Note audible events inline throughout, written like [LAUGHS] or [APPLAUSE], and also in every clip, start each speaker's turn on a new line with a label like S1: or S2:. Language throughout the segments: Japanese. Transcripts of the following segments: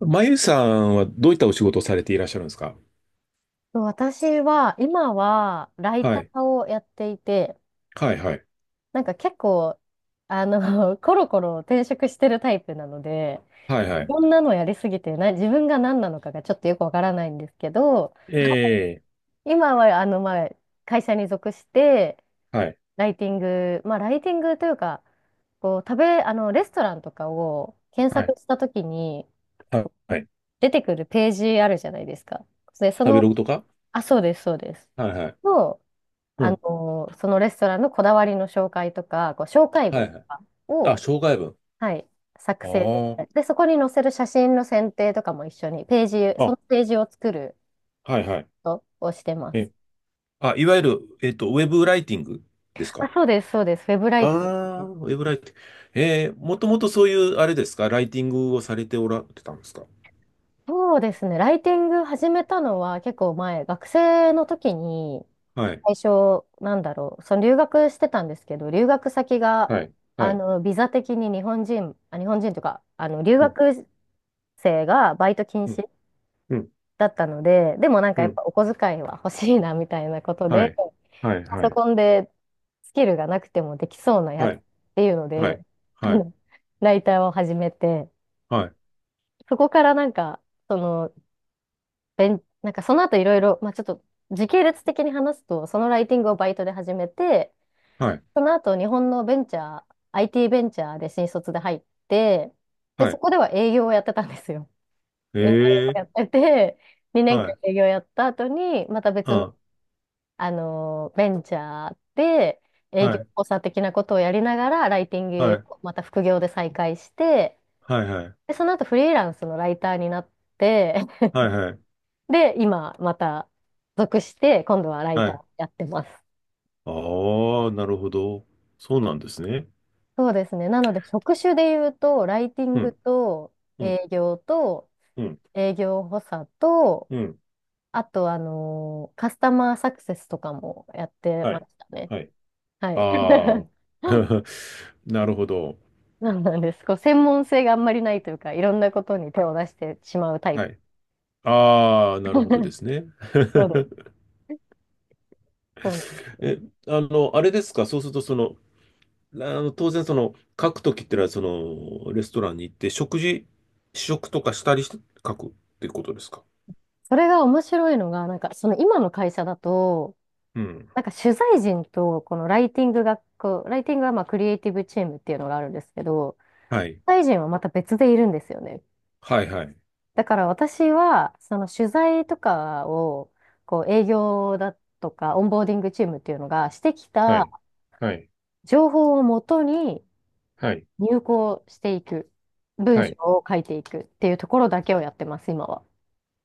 S1: まゆさんはどういったお仕事をされていらっしゃるんですか？
S2: そう、私は今はライ
S1: は
S2: タ
S1: い。
S2: ーをやっていて、
S1: はい、はい。
S2: なんか結構、[LAUGHS] [LAUGHS] コロコロ転職してるタイプなので、
S1: はい、は
S2: こん
S1: い。
S2: なのやりすぎてな、自分が何なのかがちょっとよくわからないんですけど、
S1: ええ、
S2: 今は、まあ、会社に属して、
S1: はい、
S2: ライティング、まあ、ライティングというか、こう、食べ、あの、レストランとかを検
S1: はい、
S2: 索したときに
S1: はいはい。
S2: 出てくるページあるじゃないですか。で、そ
S1: 食べログ
S2: の、
S1: とか。
S2: あ、そうです、そうです。
S1: はい、はい。
S2: の
S1: うん。
S2: そのレストランのこだわりの紹介とか、こう紹介
S1: は
S2: 文
S1: い、
S2: と
S1: はい。
S2: か
S1: あ、
S2: を、
S1: 障害文。
S2: はい、作成
S1: あ
S2: で、そこに載せる写真の選定とかも一緒に、ページ、
S1: あ。
S2: そ
S1: あ、
S2: のページを作る
S1: はい、はい。
S2: ことをしてま
S1: え、
S2: す。
S1: あ、いわゆる、ウェブライティングです
S2: あ、
S1: か？
S2: そうです、そうです。ウェブライティング
S1: ああ
S2: で
S1: ー、
S2: す。
S1: ウェブライティング。ええ、もともとそういう、あれですかライティングをされておられたんですか？
S2: そうですね。ライティング始めたのは結構前、学生の時に、
S1: はい、
S2: 最初、なんだろう、その留学してたんですけど、留学先が、
S1: はい、はい。
S2: ビザ的に日本人、あ、日本人というか、留
S1: うん、
S2: 学生がバイト禁
S1: うん、
S2: 止
S1: うん、
S2: だったので、でもなんか
S1: う
S2: やっ
S1: ん。
S2: ぱお小遣いは欲しいなみたいなこと
S1: は
S2: で、
S1: い、はい、
S2: パ
S1: は
S2: ソ
S1: い、
S2: コンでスキルがなくてもできそうなや
S1: は
S2: つっ
S1: い、
S2: ていうの
S1: は
S2: で、
S1: い、
S2: あ
S1: は
S2: の、ライターを始めて、
S1: い、
S2: そこからなんか、その、なんかその後いろいろ、まあちょっと時系列的に話すと、そのライティングをバイトで始めて、
S1: はい。
S2: その後日本のベンチャー、IT ベンチャーで新卒で入って、で、
S1: は
S2: そ
S1: い。
S2: こでは営業をやってたんですよ。
S1: え
S2: 営業をやっ
S1: え、
S2: てて、2
S1: は
S2: 年間
S1: い。
S2: 営業やった後に、また
S1: う
S2: 別の
S1: ん。
S2: ベンチャーで営
S1: は
S2: 業
S1: い。
S2: 補佐的なことをやりながら、ライティン
S1: は
S2: グ
S1: い。
S2: をまた副業で再開して、
S1: はい。はい。
S2: で、その後フリーランスのライターになって、[LAUGHS]
S1: はい。はい。
S2: で、今また属して、今度はライ
S1: は
S2: タ
S1: い。
S2: ーやってます。
S1: ああ、なるほど。そうなんですね。
S2: そうですね。なので、職種で言うと、ライティン
S1: う
S2: グ
S1: ん。
S2: と
S1: うん。
S2: 営業と
S1: うん。
S2: 営業補佐と、
S1: うん。
S2: あと、あのカスタマーサクセスとかもやって
S1: は
S2: まし
S1: い。
S2: たね。
S1: はい。
S2: はい。
S1: あ
S2: [LAUGHS]
S1: あ。[LAUGHS] なるほど。
S2: そうなんです。こう、専門性があんまりないというか、いろんなことに手を出してしまうタイ
S1: は
S2: プ。
S1: い。ああ、なるほどで
S2: [LAUGHS]
S1: すね。
S2: そうです。そうなんです。
S1: [LAUGHS] え、あの、あれですか。そうすると、その、あの、当然、その、書くときってのは、その、レストランに行って、食事、試食とかしたりして書くっていうことですか。
S2: それが面白いのが、なんか、その今の会社だと、
S1: うん。
S2: なんか取材陣と、このライティングが、こう、ライティングはまあ、クリエイティブチームっていうのがあるんですけど、
S1: はい。
S2: 取材陣はまた別でいるんですよね。
S1: はいはい。
S2: だから私は、その取材とかを、こう、営業だとか、オンボーディングチームっていうのがしてき
S1: は
S2: た
S1: い。はい。
S2: 情報をもとに、
S1: はい。
S2: 入稿していく、文
S1: は
S2: 章
S1: い。
S2: を書いていくっていうところだけをやってます、今は。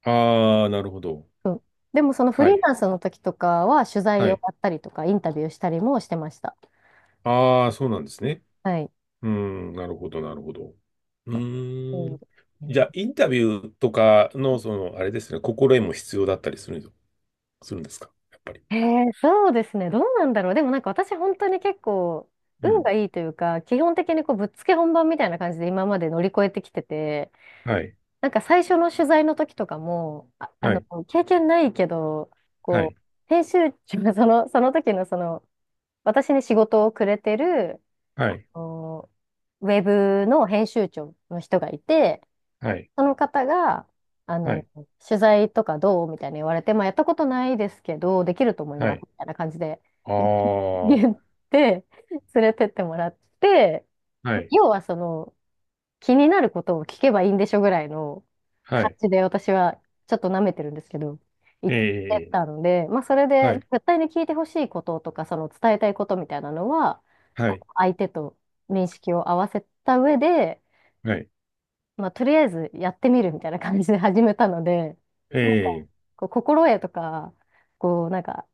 S1: ああ、なるほど。
S2: うん。でもそのフ
S1: は
S2: リー
S1: い。
S2: ランスの時とかは取材
S1: は
S2: を
S1: い。
S2: やったりとかインタビューしたりもしてました。
S1: ああ、そうなんですね。
S2: はい。
S1: うーん、なるほど、なるほど。うー
S2: そう
S1: ん。
S2: です
S1: じゃ
S2: ね。
S1: あ、インタビューとかの、その、あれですね、心得も必要だったりするんです、するんですかやっぱり。
S2: そうですね。どうなんだろう。でもなんか私本当に結構
S1: う
S2: 運
S1: ん。
S2: がいいというか、基本的にこうぶっつけ本番みたいな感じで今まで乗り越えてきてて、
S1: はい。
S2: なんか最初の取材の時とかも、
S1: はい。
S2: 経験ないけど、
S1: は
S2: こ
S1: い。
S2: う、編集長、[LAUGHS] その、その時のその、私に仕事をくれてる、
S1: はい。
S2: おウェブの編集長の人がいて、
S1: はい。
S2: その方が、あ
S1: は
S2: の、
S1: い。
S2: 取材とかどうみたいに言われて、まあ、やったことないですけど、できると思い
S1: は
S2: ます、
S1: い。
S2: みたいな感じで
S1: あ
S2: [LAUGHS]
S1: あ、は
S2: 言って、連れてってもらって、
S1: い。
S2: 要はその、気になることを聞けばいいんでしょぐらいの
S1: は
S2: 感
S1: い。
S2: じで私はちょっと舐めてるんですけど、言っ
S1: え
S2: て
S1: え、
S2: たので、まあそれ
S1: は
S2: で
S1: い。
S2: 絶対に聞いてほしいこととか、その伝えたいことみたいなのは、
S1: は
S2: あの
S1: い。
S2: 相手と認識を合わせた上で、
S1: はい。
S2: まあとりあえずやってみるみたいな感じで始めたので、
S1: え
S2: なんか
S1: え、
S2: こう心得とか、こうなんか、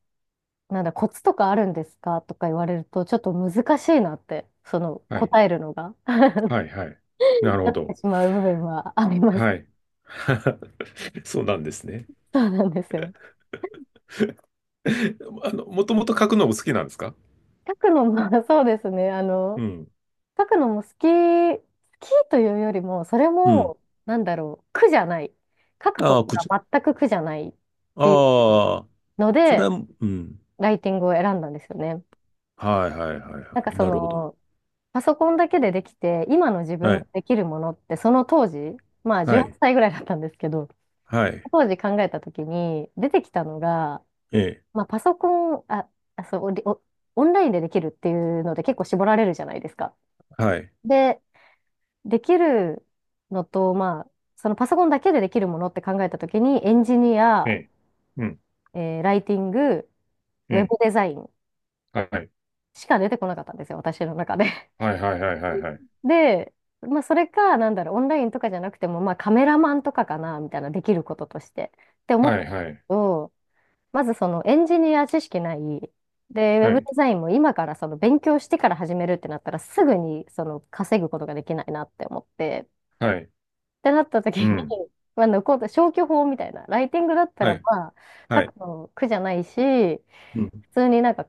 S2: なんだ、コツとかあるんですかとか言われると、ちょっと難しいなって、その
S1: はい。
S2: 答えるのが [LAUGHS] な
S1: はい。はい。なるほ
S2: って
S1: ど。
S2: しまう部分はあります。
S1: はい。[LAUGHS] そうなんですね。
S2: そうなんですよ。
S1: [LAUGHS] あの、もともと書くのも好きなんですか？
S2: 書くのも、[LAUGHS] そうですね。
S1: うん。
S2: 書くのも好き、好きというよりも、それ
S1: うん。
S2: も、なんだろう、苦じゃない。書くこ
S1: あ
S2: と
S1: あ、くじ。
S2: が全く苦じゃないっていう
S1: ああ、
S2: の
S1: それは、
S2: で、
S1: うん。
S2: ライティングを選んだんですよね。
S1: はいはいはい
S2: な
S1: は
S2: んか
S1: い。
S2: そ
S1: なるほど。
S2: の、パソコンだけでできて、今の自
S1: は
S2: 分が
S1: い。
S2: できるものって、その当時、まあ
S1: は
S2: 18
S1: い。
S2: 歳ぐらいだったんですけど、
S1: はい。
S2: 当時考えた時に出てきたのが、
S1: ええ。
S2: まあパソコン、あ、あそう、お、オンラインでできるっていうので結構絞られるじゃないですか。
S1: はい。
S2: で、できるのと、まあ、そのパソコンだけでできるものって考えたときに、エンジニ
S1: え
S2: ア、
S1: え。うん。
S2: ライティング、
S1: え
S2: ウェ
S1: え。
S2: ブデザイン
S1: はい。
S2: しか出てこなかったんですよ、私の中で。
S1: はいはいはいはいはい。
S2: [LAUGHS] で、まあ、それか、なんだろう、オンラインとかじゃなくても、まあ、カメラマンとかかな、みたいな、できることとして。って思ったん
S1: は
S2: で
S1: い
S2: す
S1: はい
S2: けど、まずそのエンジニア知識ない、で、ウェ
S1: は
S2: ブデ
S1: い。
S2: ザインも今からその勉強してから始めるってなったら、すぐにその稼ぐことができないなって思って。
S1: はい。
S2: ってなった時
S1: う
S2: に、
S1: ん。
S2: [LAUGHS] まあ、残った消去法みたいな、ライティングだった
S1: は
S2: ら、
S1: い。
S2: まあ、書
S1: はい。
S2: くの苦じゃないし、
S1: うん。
S2: 普通になんか、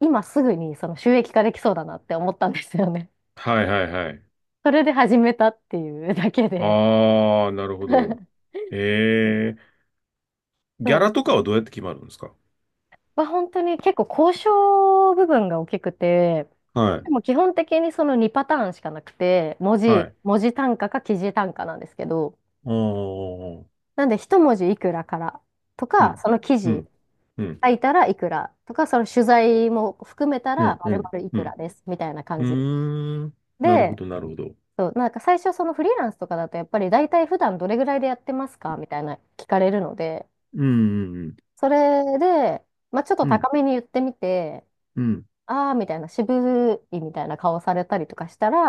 S2: 今すぐにその収益化できそうだなって思ったんですよね。
S1: はいはいはい。
S2: [LAUGHS] それで始めたっていうだけで。
S1: ああ、なるほど。
S2: [LAUGHS]
S1: ええ。ギ
S2: そう
S1: ャ
S2: で
S1: ラと
S2: す。
S1: かはどうやって決まるんですか？
S2: まあ、本当に結構交渉部分が大きくて、
S1: はい。
S2: でも基本的にその2パターンしかなくて、文
S1: は
S2: 字、
S1: い。
S2: 文字単価か記事単価なんですけど、
S1: ああうん、
S2: なんで一文字いくらからと
S1: う
S2: か、
S1: ん、
S2: その記
S1: う
S2: 事
S1: ん、う
S2: 書いたらいくらとか、その取材も含めたら
S1: ん、う
S2: 丸
S1: ん、
S2: 々い
S1: う
S2: くら
S1: ん。
S2: ですみたいな
S1: う
S2: 感じ
S1: ーん、なるほ
S2: で、
S1: ど、なるほど。
S2: そう、なんか最初そのフリーランスとかだとやっぱり大体普段どれぐらいでやってますかみたいな聞かれるので、
S1: うん、うん、
S2: それで、まあ、ちょっと
S1: う
S2: 高めに言ってみて、
S1: ん、
S2: ああみたいな渋いみたいな顔されたりとかしたら、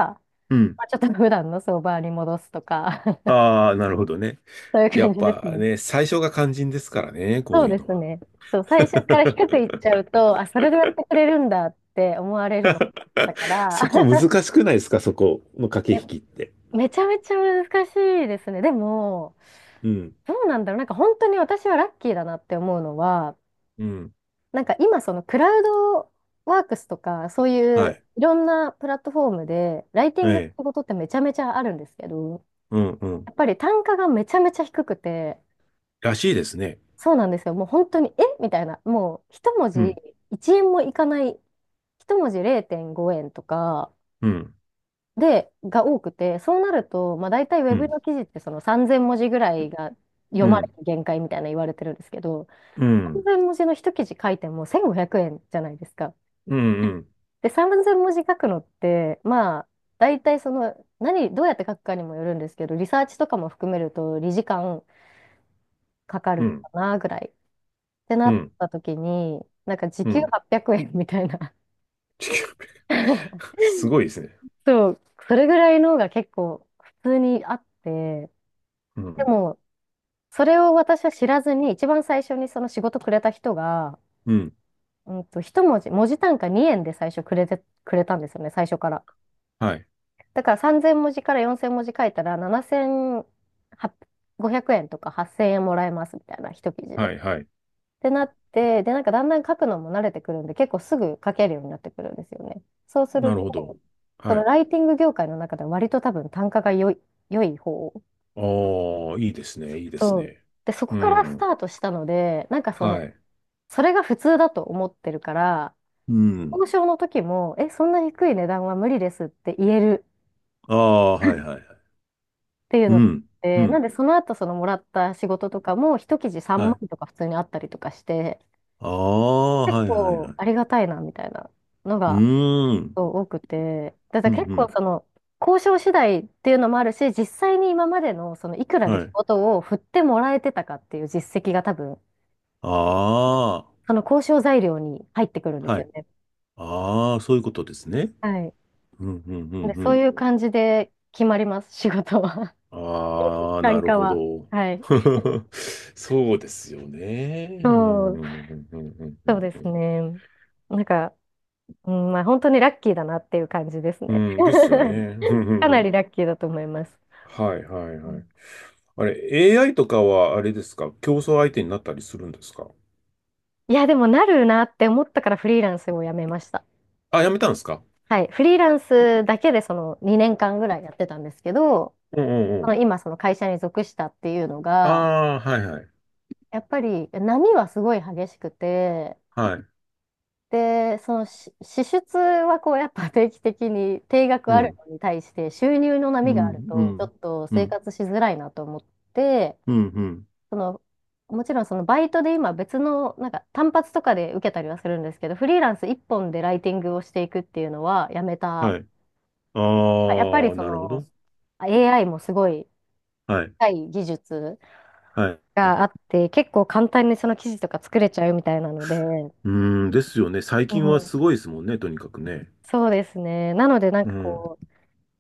S1: うん。
S2: まあ、ちょっと普段の相場に戻すとか [LAUGHS]
S1: ああー、なるほどね。
S2: そういう
S1: や
S2: 感
S1: っ
S2: じです
S1: ぱ
S2: ね。
S1: ね、最初が肝心ですからね、こ
S2: そ
S1: う
S2: う
S1: いう
S2: で
S1: の
S2: す
S1: は。
S2: ね。そう、最初から低くいっちゃうと、あ、それでやってくれるんだって思われるのだったから、
S1: そこ
S2: [LAUGHS]
S1: 難しくないですか、そこの駆け引きって。
S2: めちゃめちゃ難しいですね。でも、
S1: うん、
S2: どうなんだろう。なんか本当に私はラッキーだなって思うのは、
S1: うん、
S2: なんか今そのクラウドワークスとか、そうい
S1: は
S2: う
S1: い。
S2: いろんなプラットフォームで、ライティ
S1: え
S2: ングの
S1: え、
S2: 仕事ってめちゃめちゃあるんですけど、
S1: うん、う
S2: や
S1: ん。
S2: っぱり単価がめちゃめちゃ低くて、
S1: らしいですね。
S2: そうなんですよ。もう本当に、えみたいな、もう一文
S1: う
S2: 字
S1: ん、
S2: 1円もいかない、一文字0.5円とか、
S1: うん、
S2: で、が多くて、そうなると、まあ、大体ウ
S1: う
S2: ェブ
S1: ん、
S2: の記事ってその3000文字ぐらいが
S1: う
S2: 読まれ
S1: ん、
S2: る限界みたいな言われてるんですけど、
S1: うん、
S2: 3000文字の一記事書いても1500円じゃないですか。
S1: うん、うん、
S2: で、3000文字書くのって、まあ、大体どうやって書くかにもよるんですけど、リサーチとかも含めると、理時間かか
S1: う
S2: る
S1: ん、
S2: かなぐらいってな
S1: う
S2: っ
S1: ん。
S2: た時に、なんか時
S1: う
S2: 給
S1: ん。
S2: 800円みたいな。
S1: 地球。
S2: [LAUGHS]
S1: [LAUGHS] すごいですね。
S2: そう、それぐらいのが結構普通にあって、
S1: う
S2: で
S1: ん、
S2: も、それを私は知らずに、一番最初にその仕事くれた人が、
S1: うん。
S2: うんと、一文字、文字単価2円で最初くれたんですよね、最初から。
S1: はい。
S2: だから3000文字から4000文字書いたら、7500円とか8000円もらえますみたいな、一記事で。っ
S1: はい、はい。
S2: てなって、で、なんかだんだん書くのも慣れてくるんで、結構すぐ書けるようになってくるんですよね。そうす
S1: な
S2: る
S1: る
S2: と、
S1: ほど。
S2: そ
S1: は
S2: の
S1: い。
S2: ライティング業界の中では割と多分単価が良い方。
S1: ああ、いいですね、いいです
S2: そう。
S1: ね。
S2: で、そ
S1: う
S2: こからスタ
S1: ん。
S2: ートしたので、なんかその、
S1: はい。
S2: それが普通だと思ってるから、
S1: うん。
S2: 交渉の時も、そんな低い値段は無理ですって言える
S1: ああ、はい、はい、はい。
S2: っていう
S1: う
S2: のがあっ
S1: ん。う
S2: て、なん
S1: ん。
S2: でその後そのもらった仕事とかも、一記事3
S1: はい。
S2: 万とか普通にあったりとかして、
S1: ああ、
S2: 結
S1: はい、はい、は
S2: 構
S1: い。
S2: ありがたいなみたいなの
S1: う
S2: が
S1: ーん。
S2: そう多くて、だか
S1: うん、
S2: ら結
S1: う
S2: 構
S1: ん。
S2: その、交渉次第っていうのもあるし、実際に今までのそのいくらで
S1: は
S2: 仕
S1: い。
S2: 事を振ってもらえてたかっていう実績が多分
S1: ああ、
S2: あの、交渉材料に入ってくるんです
S1: は
S2: よ
S1: い。
S2: ね。
S1: ああ、そういうことですね。
S2: はい。
S1: うん、うん、うん、
S2: で、
S1: う
S2: そう
S1: ん。
S2: いう感じで決まります、[LAUGHS] 仕事は。
S1: あ
S2: [LAUGHS]
S1: あ、な
S2: 単
S1: る
S2: 価
S1: ほ
S2: は。
S1: ど。
S2: はい。
S1: [LAUGHS] そうですよね。う
S2: そうん、
S1: ん、うん、うん、う
S2: そう
S1: ん、
S2: で
S1: う
S2: す
S1: ん。
S2: ね。なんか、うん、まあ、本当にラッキーだなっていう感じです
S1: う
S2: ね。
S1: ん、ですよね。
S2: [LAUGHS] かな
S1: [LAUGHS]
S2: りラッキーだと思います。
S1: はいはい
S2: う
S1: はい。
S2: ん。
S1: あれ、AI とかはあれですか競争相手になったりするんですか？
S2: いや、でもなるなって思ったからフリーランスをやめました。
S1: あ、やめたんですか？
S2: はい。フリーランスだけでその2年間ぐらいやってたんですけど、
S1: うんうんう
S2: まあ
S1: ん。
S2: の今その会社に属したっていうの
S1: あ
S2: が、
S1: あ、はいはい。
S2: やっぱり波はすごい激しくて、
S1: はい。
S2: で、その支出はこうやっぱ定期的に定額
S1: う
S2: ある
S1: ん。
S2: のに対して収入の
S1: う
S2: 波があ
S1: ん、
S2: る
S1: う
S2: とちょ
S1: ん、
S2: っと
S1: う
S2: 生
S1: ん、
S2: 活しづらいなと思って、
S1: うん、うん。
S2: そのもちろんそのバイトで今別のなんか単発とかで受けたりはするんですけど、フリーランス一本でライティングをしていくっていうのはやめた。
S1: はい。
S2: あやっぱり
S1: ああ、
S2: そ
S1: なるほ
S2: の
S1: ど。
S2: AI もすごい
S1: はい。
S2: 高い技術
S1: はい。う
S2: があって結構簡単にその記事とか作れちゃうみたいなので、
S1: ーん、ですよね。最
S2: う
S1: 近は
S2: ん、
S1: すごいですもんね、とにかくね。
S2: そうですね。なのでなん
S1: う
S2: か
S1: ん。
S2: こう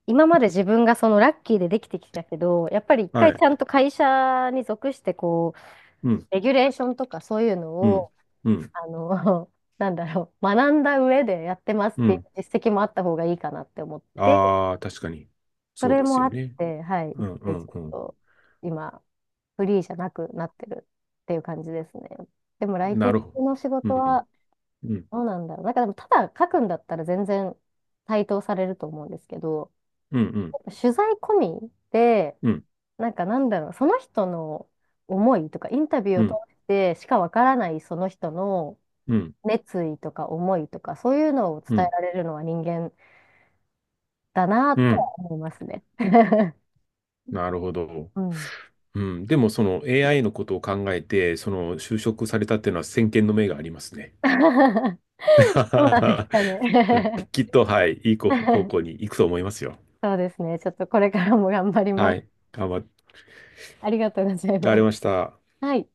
S2: 今まで自分がそのラッキーでできてきたけど、やっぱり一
S1: は
S2: 回ち
S1: い。
S2: ゃんと会社に属して、こう、
S1: うん、
S2: レギュレーションとかそういうの
S1: うん、
S2: を、
S1: うん、
S2: あの、[LAUGHS] なんだろう、学んだ上でやってますっ
S1: う
S2: ていう
S1: ん。
S2: 実績もあった方がいいかなって思って、
S1: ああ、確かに。
S2: そ
S1: そう
S2: れ
S1: です
S2: もあ
S1: よ
S2: っ
S1: ね。
S2: て、はい、
S1: う
S2: 一
S1: ん、う
S2: 回
S1: ん、
S2: ちょっ
S1: うん。
S2: と、今、フリーじゃなくなってるっていう感じですね。でも、ライティ
S1: な
S2: ン
S1: るほど。
S2: グの仕
S1: う
S2: 事
S1: ん、
S2: は、
S1: うん、
S2: どうなんだろう。なんかでも、ただ書くんだったら全然対等されると思うんですけど、
S1: うん、うん、
S2: 取材込みで、
S1: うん。
S2: なんかなんだろう、その人の思いとか、インタビュー
S1: う
S2: を通
S1: ん、
S2: してしかわからないその人の
S1: うん、
S2: 熱意とか思いとか、そういうのを
S1: う
S2: 伝え
S1: ん、
S2: られるのは人間だな
S1: う
S2: と
S1: ん。
S2: は思いますね。[LAUGHS]
S1: なるほど。
S2: うん。
S1: うん。でも、その AI のことを考えて、その就職されたっていうのは先見の明がありますね。
S2: [LAUGHS] そうなんですか
S1: [LAUGHS] うん
S2: ね。
S1: きっと、はい、いい方向に
S2: [LAUGHS]
S1: 行くと思いますよ。
S2: そうですね。ちょっとこれからも頑張りま
S1: はい。
S2: す。
S1: 頑張
S2: ありがとうござい
S1: ら
S2: ま
S1: れ
S2: す。
S1: ました。
S2: はい。